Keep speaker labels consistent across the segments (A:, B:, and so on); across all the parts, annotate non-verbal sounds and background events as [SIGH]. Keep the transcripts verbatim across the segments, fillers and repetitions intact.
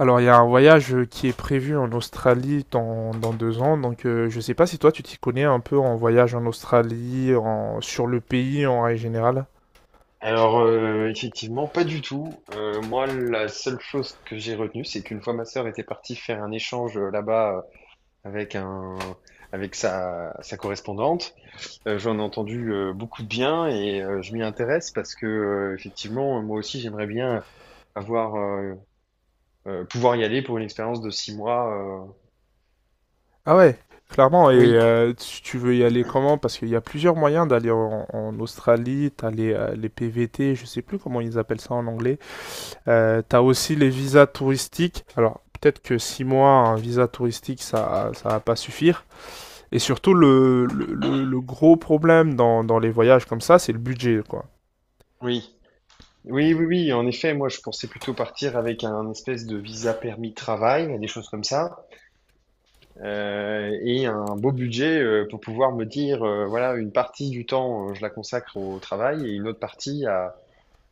A: Alors, il y a un voyage euh, qui est prévu en Australie dans, dans deux ans, donc euh, je sais pas si toi tu t'y connais un peu en voyage en Australie, en, sur le pays en règle générale.
B: Alors, euh, effectivement, pas du tout. Euh, moi, la seule chose que j'ai retenue, c'est qu'une fois ma sœur était partie faire un échange euh, là-bas, euh, avec un, avec sa, sa correspondante. Euh, j'en ai entendu euh, beaucoup de bien, et euh, je m'y intéresse parce que, euh, effectivement, moi aussi, j'aimerais bien avoir, euh, euh, pouvoir y aller pour une expérience de six mois. euh.
A: Ah ouais, clairement, et
B: Oui,
A: euh, tu tu veux y aller comment? Parce qu'il y a plusieurs moyens d'aller en, en Australie, t'as les, euh, les P V T, je sais plus comment ils appellent ça en anglais, euh, t'as aussi les visas touristiques. Alors, peut-être que six mois, un visa touristique, ça, ça va pas suffire. Et surtout, le, le, le- le gros problème dans, dans les voyages comme ça, c'est le budget, quoi.
B: oui. Oui, oui, oui, en effet, moi je pensais plutôt partir avec un espèce de visa permis travail, des choses comme ça. Euh, et un beau budget euh, pour pouvoir me dire, euh, voilà, une partie du temps, euh, je la consacre au travail, et une autre partie à,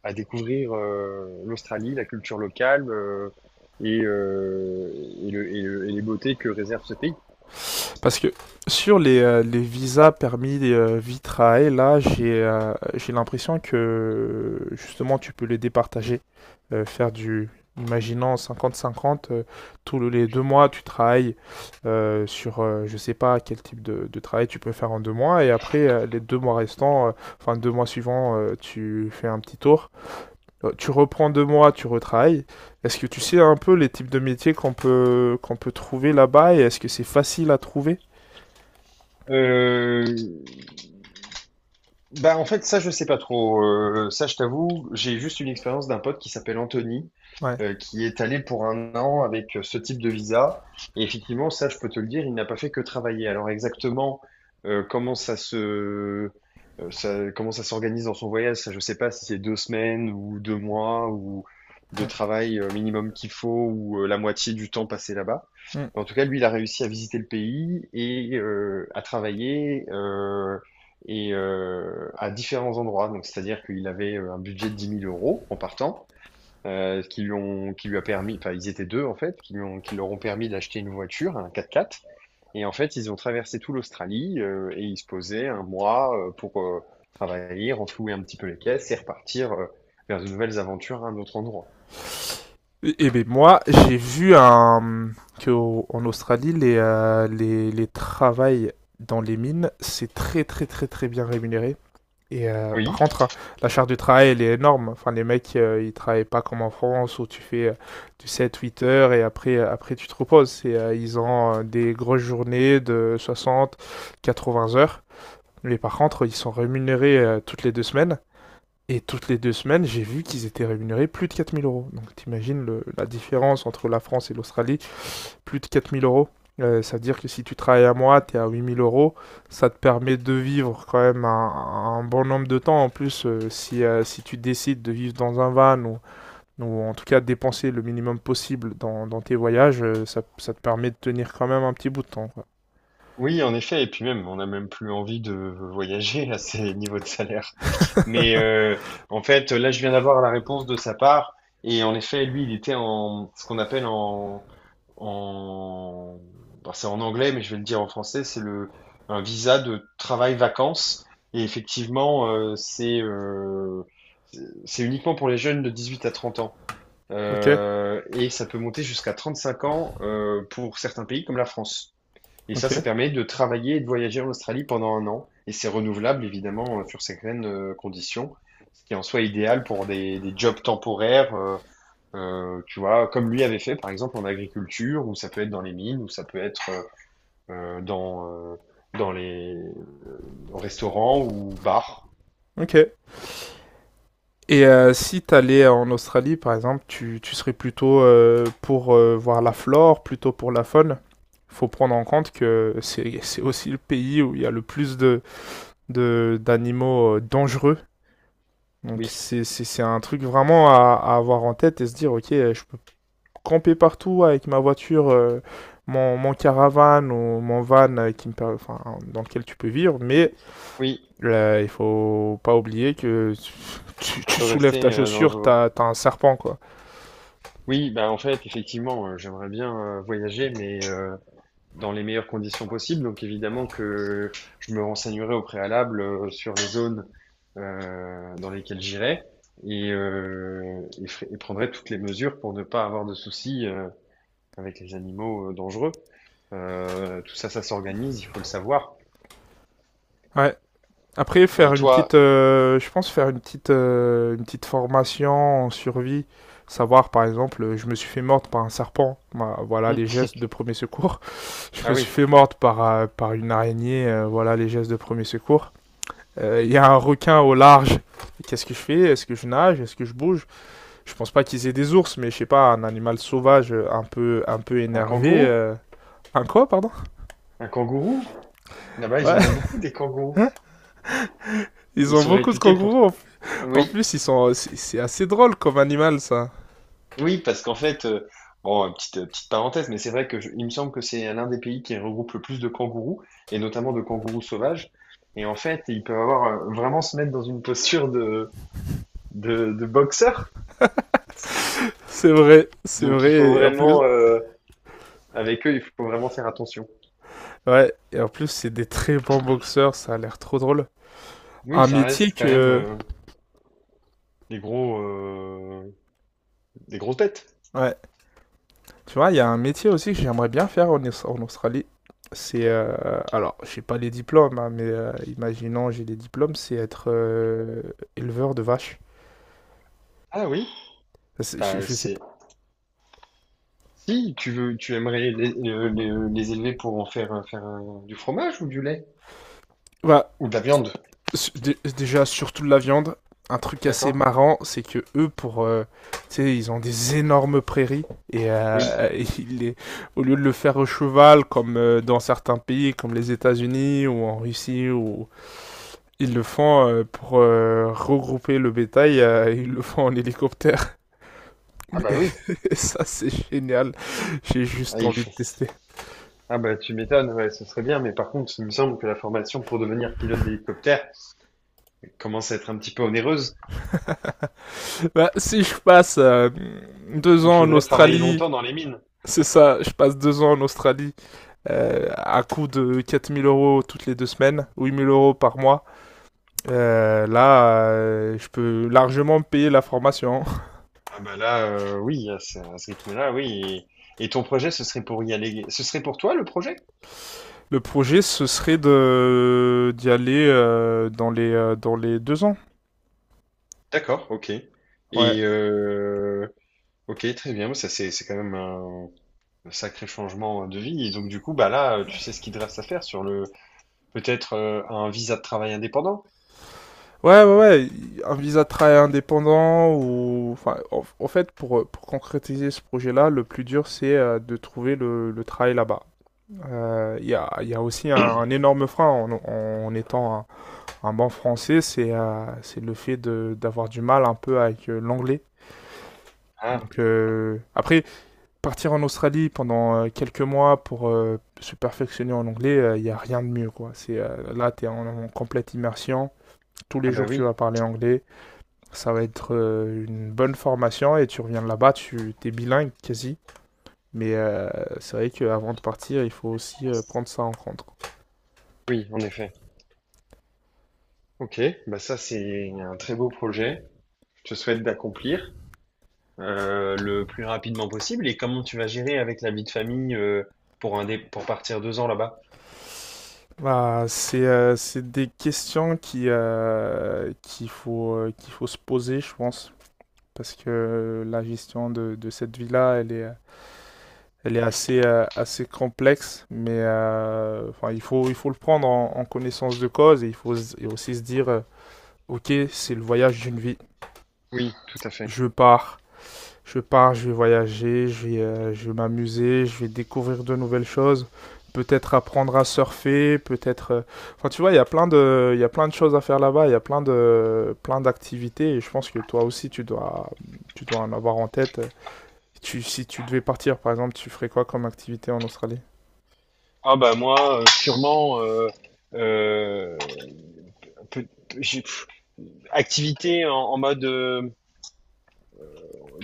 B: à découvrir euh, l'Australie, la culture locale, euh, et, euh, et le- et le- et les beautés que réserve ce pays.
A: Parce que sur les, euh, les visas permis euh, vie-travail, là, j'ai euh, j'ai l'impression que, justement, tu peux les départager. Euh, faire du, Imaginons, cinquante cinquante, euh, tous les deux mois, tu travailles euh, sur, euh, je sais pas quel type de, de travail tu peux faire en deux mois, et après, euh, les deux mois restants, euh, enfin, deux mois suivants, euh, tu fais un petit tour euh, tu reprends deux mois, tu retravailles. Est-ce que tu sais un peu les types de métiers qu'on peut, qu'on peut trouver là-bas et est-ce que c'est facile à trouver?
B: Euh, Bah, en fait, ça, je sais pas trop. Euh, ça, je t'avoue, j'ai juste une expérience d'un pote qui s'appelle Anthony,
A: Ouais.
B: euh, qui est allé pour un an avec euh, ce type de visa. Et effectivement, ça, je peux te le dire, il n'a pas fait que travailler. Alors, exactement, euh, comment ça se, euh, ça, comment ça s'organise dans son voyage, ça, je sais pas si c'est deux semaines ou deux mois ou de travail euh, minimum qu'il faut, ou euh, la moitié du temps passé là-bas. En tout cas, lui, il a réussi à visiter le pays et euh, à travailler, euh, et euh, à différents endroits. Donc, c'est-à-dire qu'il avait euh, un budget de dix mille euros en partant, euh, qui lui ont, qui lui a permis, enfin, ils étaient deux en fait, qui lui ont, qui leur ont permis d'acheter une voiture, un quatre-quatre. Et en fait, ils ont traversé tout l'Australie, euh, et ils se posaient un mois euh, pour euh, travailler, renflouer un petit peu les caisses, et repartir euh, vers de nouvelles aventures à un autre endroit.
A: Et ben moi, j'ai vu un... qu'en Australie, les, euh, les, les travails dans les mines, c'est très très très très bien rémunéré. Et euh,
B: Oui.
A: par contre, la charge du travail, elle est énorme. Enfin, les mecs, euh, ils travaillent pas comme en France où tu fais euh, du sept huit heures et après, euh, après tu te reposes. Et, euh, ils ont euh, des grosses journées de soixante à quatre-vingts heures. Mais par contre, ils sont rémunérés euh, toutes les deux semaines. Et toutes les deux semaines, j'ai vu qu'ils étaient rémunérés plus de quatre mille euros. Donc t'imagines le- la différence entre la France et l'Australie, plus de quatre mille euros. Euh, ça veut dire que si tu travailles à moi, tu es à huit mille euros. Ça te permet de vivre quand même un, un bon nombre de temps. En plus, euh, si, euh, si tu décides de vivre dans un van ou, ou en tout cas de dépenser le minimum possible dans, dans tes voyages, euh, ça, ça te permet de tenir quand même un petit bout de temps. quoi.
B: Oui, en effet, et puis même, on n'a même plus envie de voyager à ces [LAUGHS] niveaux de salaire. Mais euh, en fait, là, je viens d'avoir la réponse de sa part, et en effet, lui, il était en ce qu'on appelle en, en, bon, c'est en anglais, mais je vais le dire en français, c'est le un visa de travail-vacances, et effectivement, euh, c'est euh, c'est c'est uniquement pour les jeunes de dix-huit à trente ans.
A: Ok,
B: Euh, et ça peut monter jusqu'à trente-cinq ans, euh, pour certains pays comme la France. Et ça, ça
A: ok,
B: permet de travailler et de voyager en Australie pendant un an. Et c'est renouvelable, évidemment, euh, sur certaines euh, conditions, ce qui est en soi idéal pour des, des jobs temporaires, euh, euh, tu vois, comme lui avait fait, par exemple, en agriculture, ou ça peut être dans les mines, ou ça peut être euh, euh, dans, euh, dans les restaurants ou bars.
A: ok. Et euh, si t'allais en Australie, par exemple, tu, tu serais plutôt euh, pour euh, voir la flore, plutôt pour la faune. Faut prendre en compte que c'est c'est aussi le pays où il y a le plus de, de d'animaux euh, dangereux. Donc
B: Oui,
A: c'est c'est- c'est un truc vraiment à, à avoir en tête et se dire, ok, euh, je peux camper partout avec ma voiture, euh, mon, mon caravane ou mon van euh, qui me per- enfin, dans lequel tu peux vivre, mais
B: oui,
A: euh, il faut pas oublier que [LAUGHS] tu,
B: ça
A: tu
B: peut
A: soulèves
B: rester
A: ta
B: euh,
A: chaussure,
B: dangereux.
A: t'as, t'as un serpent, quoi.
B: Oui, bah en fait, effectivement, euh, j'aimerais bien euh, voyager, mais... euh, dans les meilleures conditions possibles. Donc évidemment que je me renseignerai au préalable euh, sur les zones euh, dans lesquelles j'irai, et, euh, et, fer- et prendrai toutes les mesures pour ne pas avoir de soucis euh, avec les animaux, euh, dangereux. Euh, tout ça, ça s'organise, il faut le savoir.
A: Ouais. Après, faire
B: Et
A: une
B: toi,
A: petite, euh, je pense faire une petite, euh, une petite formation en survie, savoir par exemple, euh, je me suis fait mordre par un serpent, bah, voilà
B: hum,
A: les gestes de premier secours. Je
B: ah
A: me suis
B: oui,
A: fait morte par, euh, par une araignée, euh, voilà les gestes de premier secours. Euh, Il euh, y a un requin au large. Qu'est-ce que je fais? Est-ce que je nage? Est-ce que je bouge? Je pense pas qu'ils aient des ours, mais je sais pas, un animal sauvage euh, un peu, un peu
B: un
A: énervé.
B: kangourou?
A: Euh, un quoi, pardon?
B: Un kangourou? Là-bas, ils
A: Ouais.
B: en ont beaucoup des kangourous.
A: [LAUGHS] Ils
B: Ils
A: ont
B: sont
A: beaucoup de
B: réputés pour...
A: kangourous. En- en
B: Oui.
A: plus, ils sont. c'est- c'est assez drôle comme animal, ça.
B: Oui, parce qu'en fait, euh, bon, petite, euh, petite parenthèse, mais c'est vrai que je- il me semble que c'est l'un des pays qui regroupe le plus de kangourous, et notamment de kangourous sauvages. Et en fait, ils peuvent avoir euh, vraiment se mettre dans une posture de, de, de boxeur.
A: C'est vrai, c'est
B: Donc il faut
A: vrai. Et en plus,
B: vraiment, euh, avec eux, il faut vraiment faire attention.
A: ouais. Et en plus, c'est des très bons boxeurs. Ça a l'air trop drôle.
B: Oui,
A: Un
B: ça
A: métier
B: reste quand même
A: que.
B: euh, des gros, euh, des grosses bêtes.
A: Ouais. Tu vois, il y a un métier aussi que j'aimerais bien faire en, Aus- en Australie. C'est, euh, alors, je pas les diplômes, hein, mais euh, imaginons j'ai les diplômes, c'est être euh, éleveur de vaches.
B: Ah oui,
A: C'est- Je,
B: bah,
A: je sais
B: c'est.
A: pas.
B: Si tu veux, tu aimerais les, les- les- les élever pour en faire, euh, faire euh, du fromage ou du lait?
A: Bah,
B: Ou de la viande,
A: su- dé- déjà, surtout de la viande. Un truc assez
B: d'accord?
A: marrant, c'est que eux, pour, euh, tu sais, ils ont des énormes prairies et
B: Oui.
A: euh, [LAUGHS] et ils les- au lieu de le faire au cheval, comme euh, dans certains pays, comme les États-Unis ou en Russie ou ils le font euh, pour euh, regrouper le bétail, euh, ils le font en hélicoptère.
B: Ah bah oui,
A: [LAUGHS] Et ça, c'est génial. J'ai
B: ah,
A: juste
B: il
A: envie de
B: faut.
A: tester.
B: Ah bah tu m'étonnes, ouais, ce serait bien, mais par contre, il me semble que la formation pour devenir pilote d'hélicoptère commence à être un petit peu onéreuse.
A: [LAUGHS] Bah, si je passe euh, deux
B: Il
A: ans en
B: faudrait travailler
A: Australie,
B: longtemps dans les mines.
A: c'est ça, je passe deux ans en Australie euh, à coût de quatre mille euros toutes les deux semaines, huit mille euros par mois. Euh, là, euh, je peux largement payer la formation.
B: Ah bah là, euh, oui, à ce, à ce rythme-là, oui. Et, et ton projet, ce serait pour y aller. Ce serait pour toi le projet?
A: [LAUGHS] Le projet, ce serait de d'y aller euh, dans les euh, dans les deux ans.
B: D'accord, ok.
A: Ouais,
B: Et euh, ok, très bien. Ça c'est c'est quand même un, un sacré changement de vie. Et donc du coup, bah là, tu sais ce qu'il te reste à faire sur le peut-être euh, un visa de travail indépendant.
A: Ouais, ouais, ouais, un visa de travail indépendant ou... Enfin, en, en fait, pour, pour concrétiser ce projet-là, le plus dur, c'est euh, de trouver le, le travail là-bas. Euh, Il y a, il y a aussi un, un énorme frein en, en étant un, un banc français, c'est euh, c'est le fait de d'avoir du mal un peu avec euh, l'anglais.
B: Ah,
A: Donc, euh, après, partir en Australie pendant euh, quelques mois pour euh, se perfectionner en anglais, euh, il y a rien de mieux, quoi. C'est, euh, là, tu es en en complète immersion. Tous les
B: ah bah
A: jours, tu
B: oui,
A: vas parler anglais. Ça va être euh, une bonne formation et tu reviens de là-bas, tu es bilingue quasi. Mais euh, c'est vrai qu'avant de partir, il faut aussi euh, prendre ça en compte.
B: oui, en effet. Ok, bah ça c'est un très beau projet. Je te souhaite d'accomplir euh, le plus rapidement possible. Et comment tu vas gérer avec la vie de famille, euh, pour un dé- pour partir deux ans là-bas?
A: Bah, c'est euh, c'est des questions qui, euh, qu'il faut, euh, qu'il faut se poser, je pense. Parce que euh, la gestion de, de cette vie-là, elle est, elle est assez, euh, assez complexe. Mais euh, enfin, il faut, il faut le prendre en, en connaissance de cause et il faut s- et aussi se dire, euh, ok, c'est le voyage d'une vie.
B: Oui, tout à fait.
A: Je pars. Je pars, je vais voyager, je vais, euh, je vais m'amuser, je vais découvrir de nouvelles choses, peut-être apprendre à surfer, peut-être... euh, enfin, tu vois, il y a plein de, il y a plein de choses à faire là-bas, il y a plein de, plein d'activités, et je pense que toi aussi, tu dois, tu dois en avoir en tête. Tu, si tu devais partir, par exemple, tu ferais quoi comme activité en Australie?
B: Ah bah moi, euh, sûrement euh, euh, peut- j'ai- pff, activité en, en mode euh,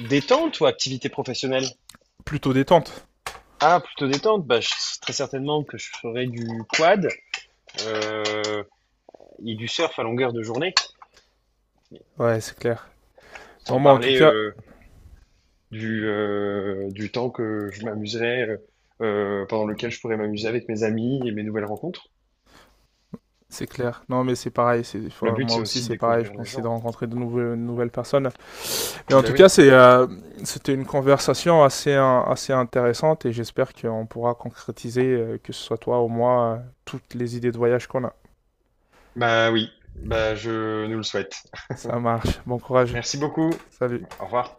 B: détente, ou activité professionnelle?
A: Plutôt détente.
B: Ah, plutôt détente. Bah, je- très certainement que je ferai du quad, euh, et du surf à longueur de journée,
A: Ouais, c'est clair.
B: sans
A: Bon, moi, en tout
B: parler
A: cas,
B: du, euh, du temps que je m'amuserais, euh, euh, pendant lequel je pourrais m'amuser avec mes amis et mes nouvelles rencontres.
A: c'est clair. Non, mais c'est pareil. C'est,
B: Le
A: enfin,
B: but,
A: moi
B: c'est
A: aussi,
B: aussi de
A: c'est pareil. Je
B: découvrir les
A: pense que c'est de
B: gens.
A: rencontrer de nouvelles, nouvelles personnes. Et en
B: Bah
A: tout
B: oui,
A: cas, c'est, euh, c'était une conversation assez, euh, assez intéressante et j'espère qu'on pourra concrétiser, euh, que ce soit toi ou moi, euh, toutes les idées de voyage qu'on a.
B: bah oui, bah je nous le souhaite.
A: Ça marche. Bon courage.
B: Merci beaucoup.
A: Salut.
B: Au revoir.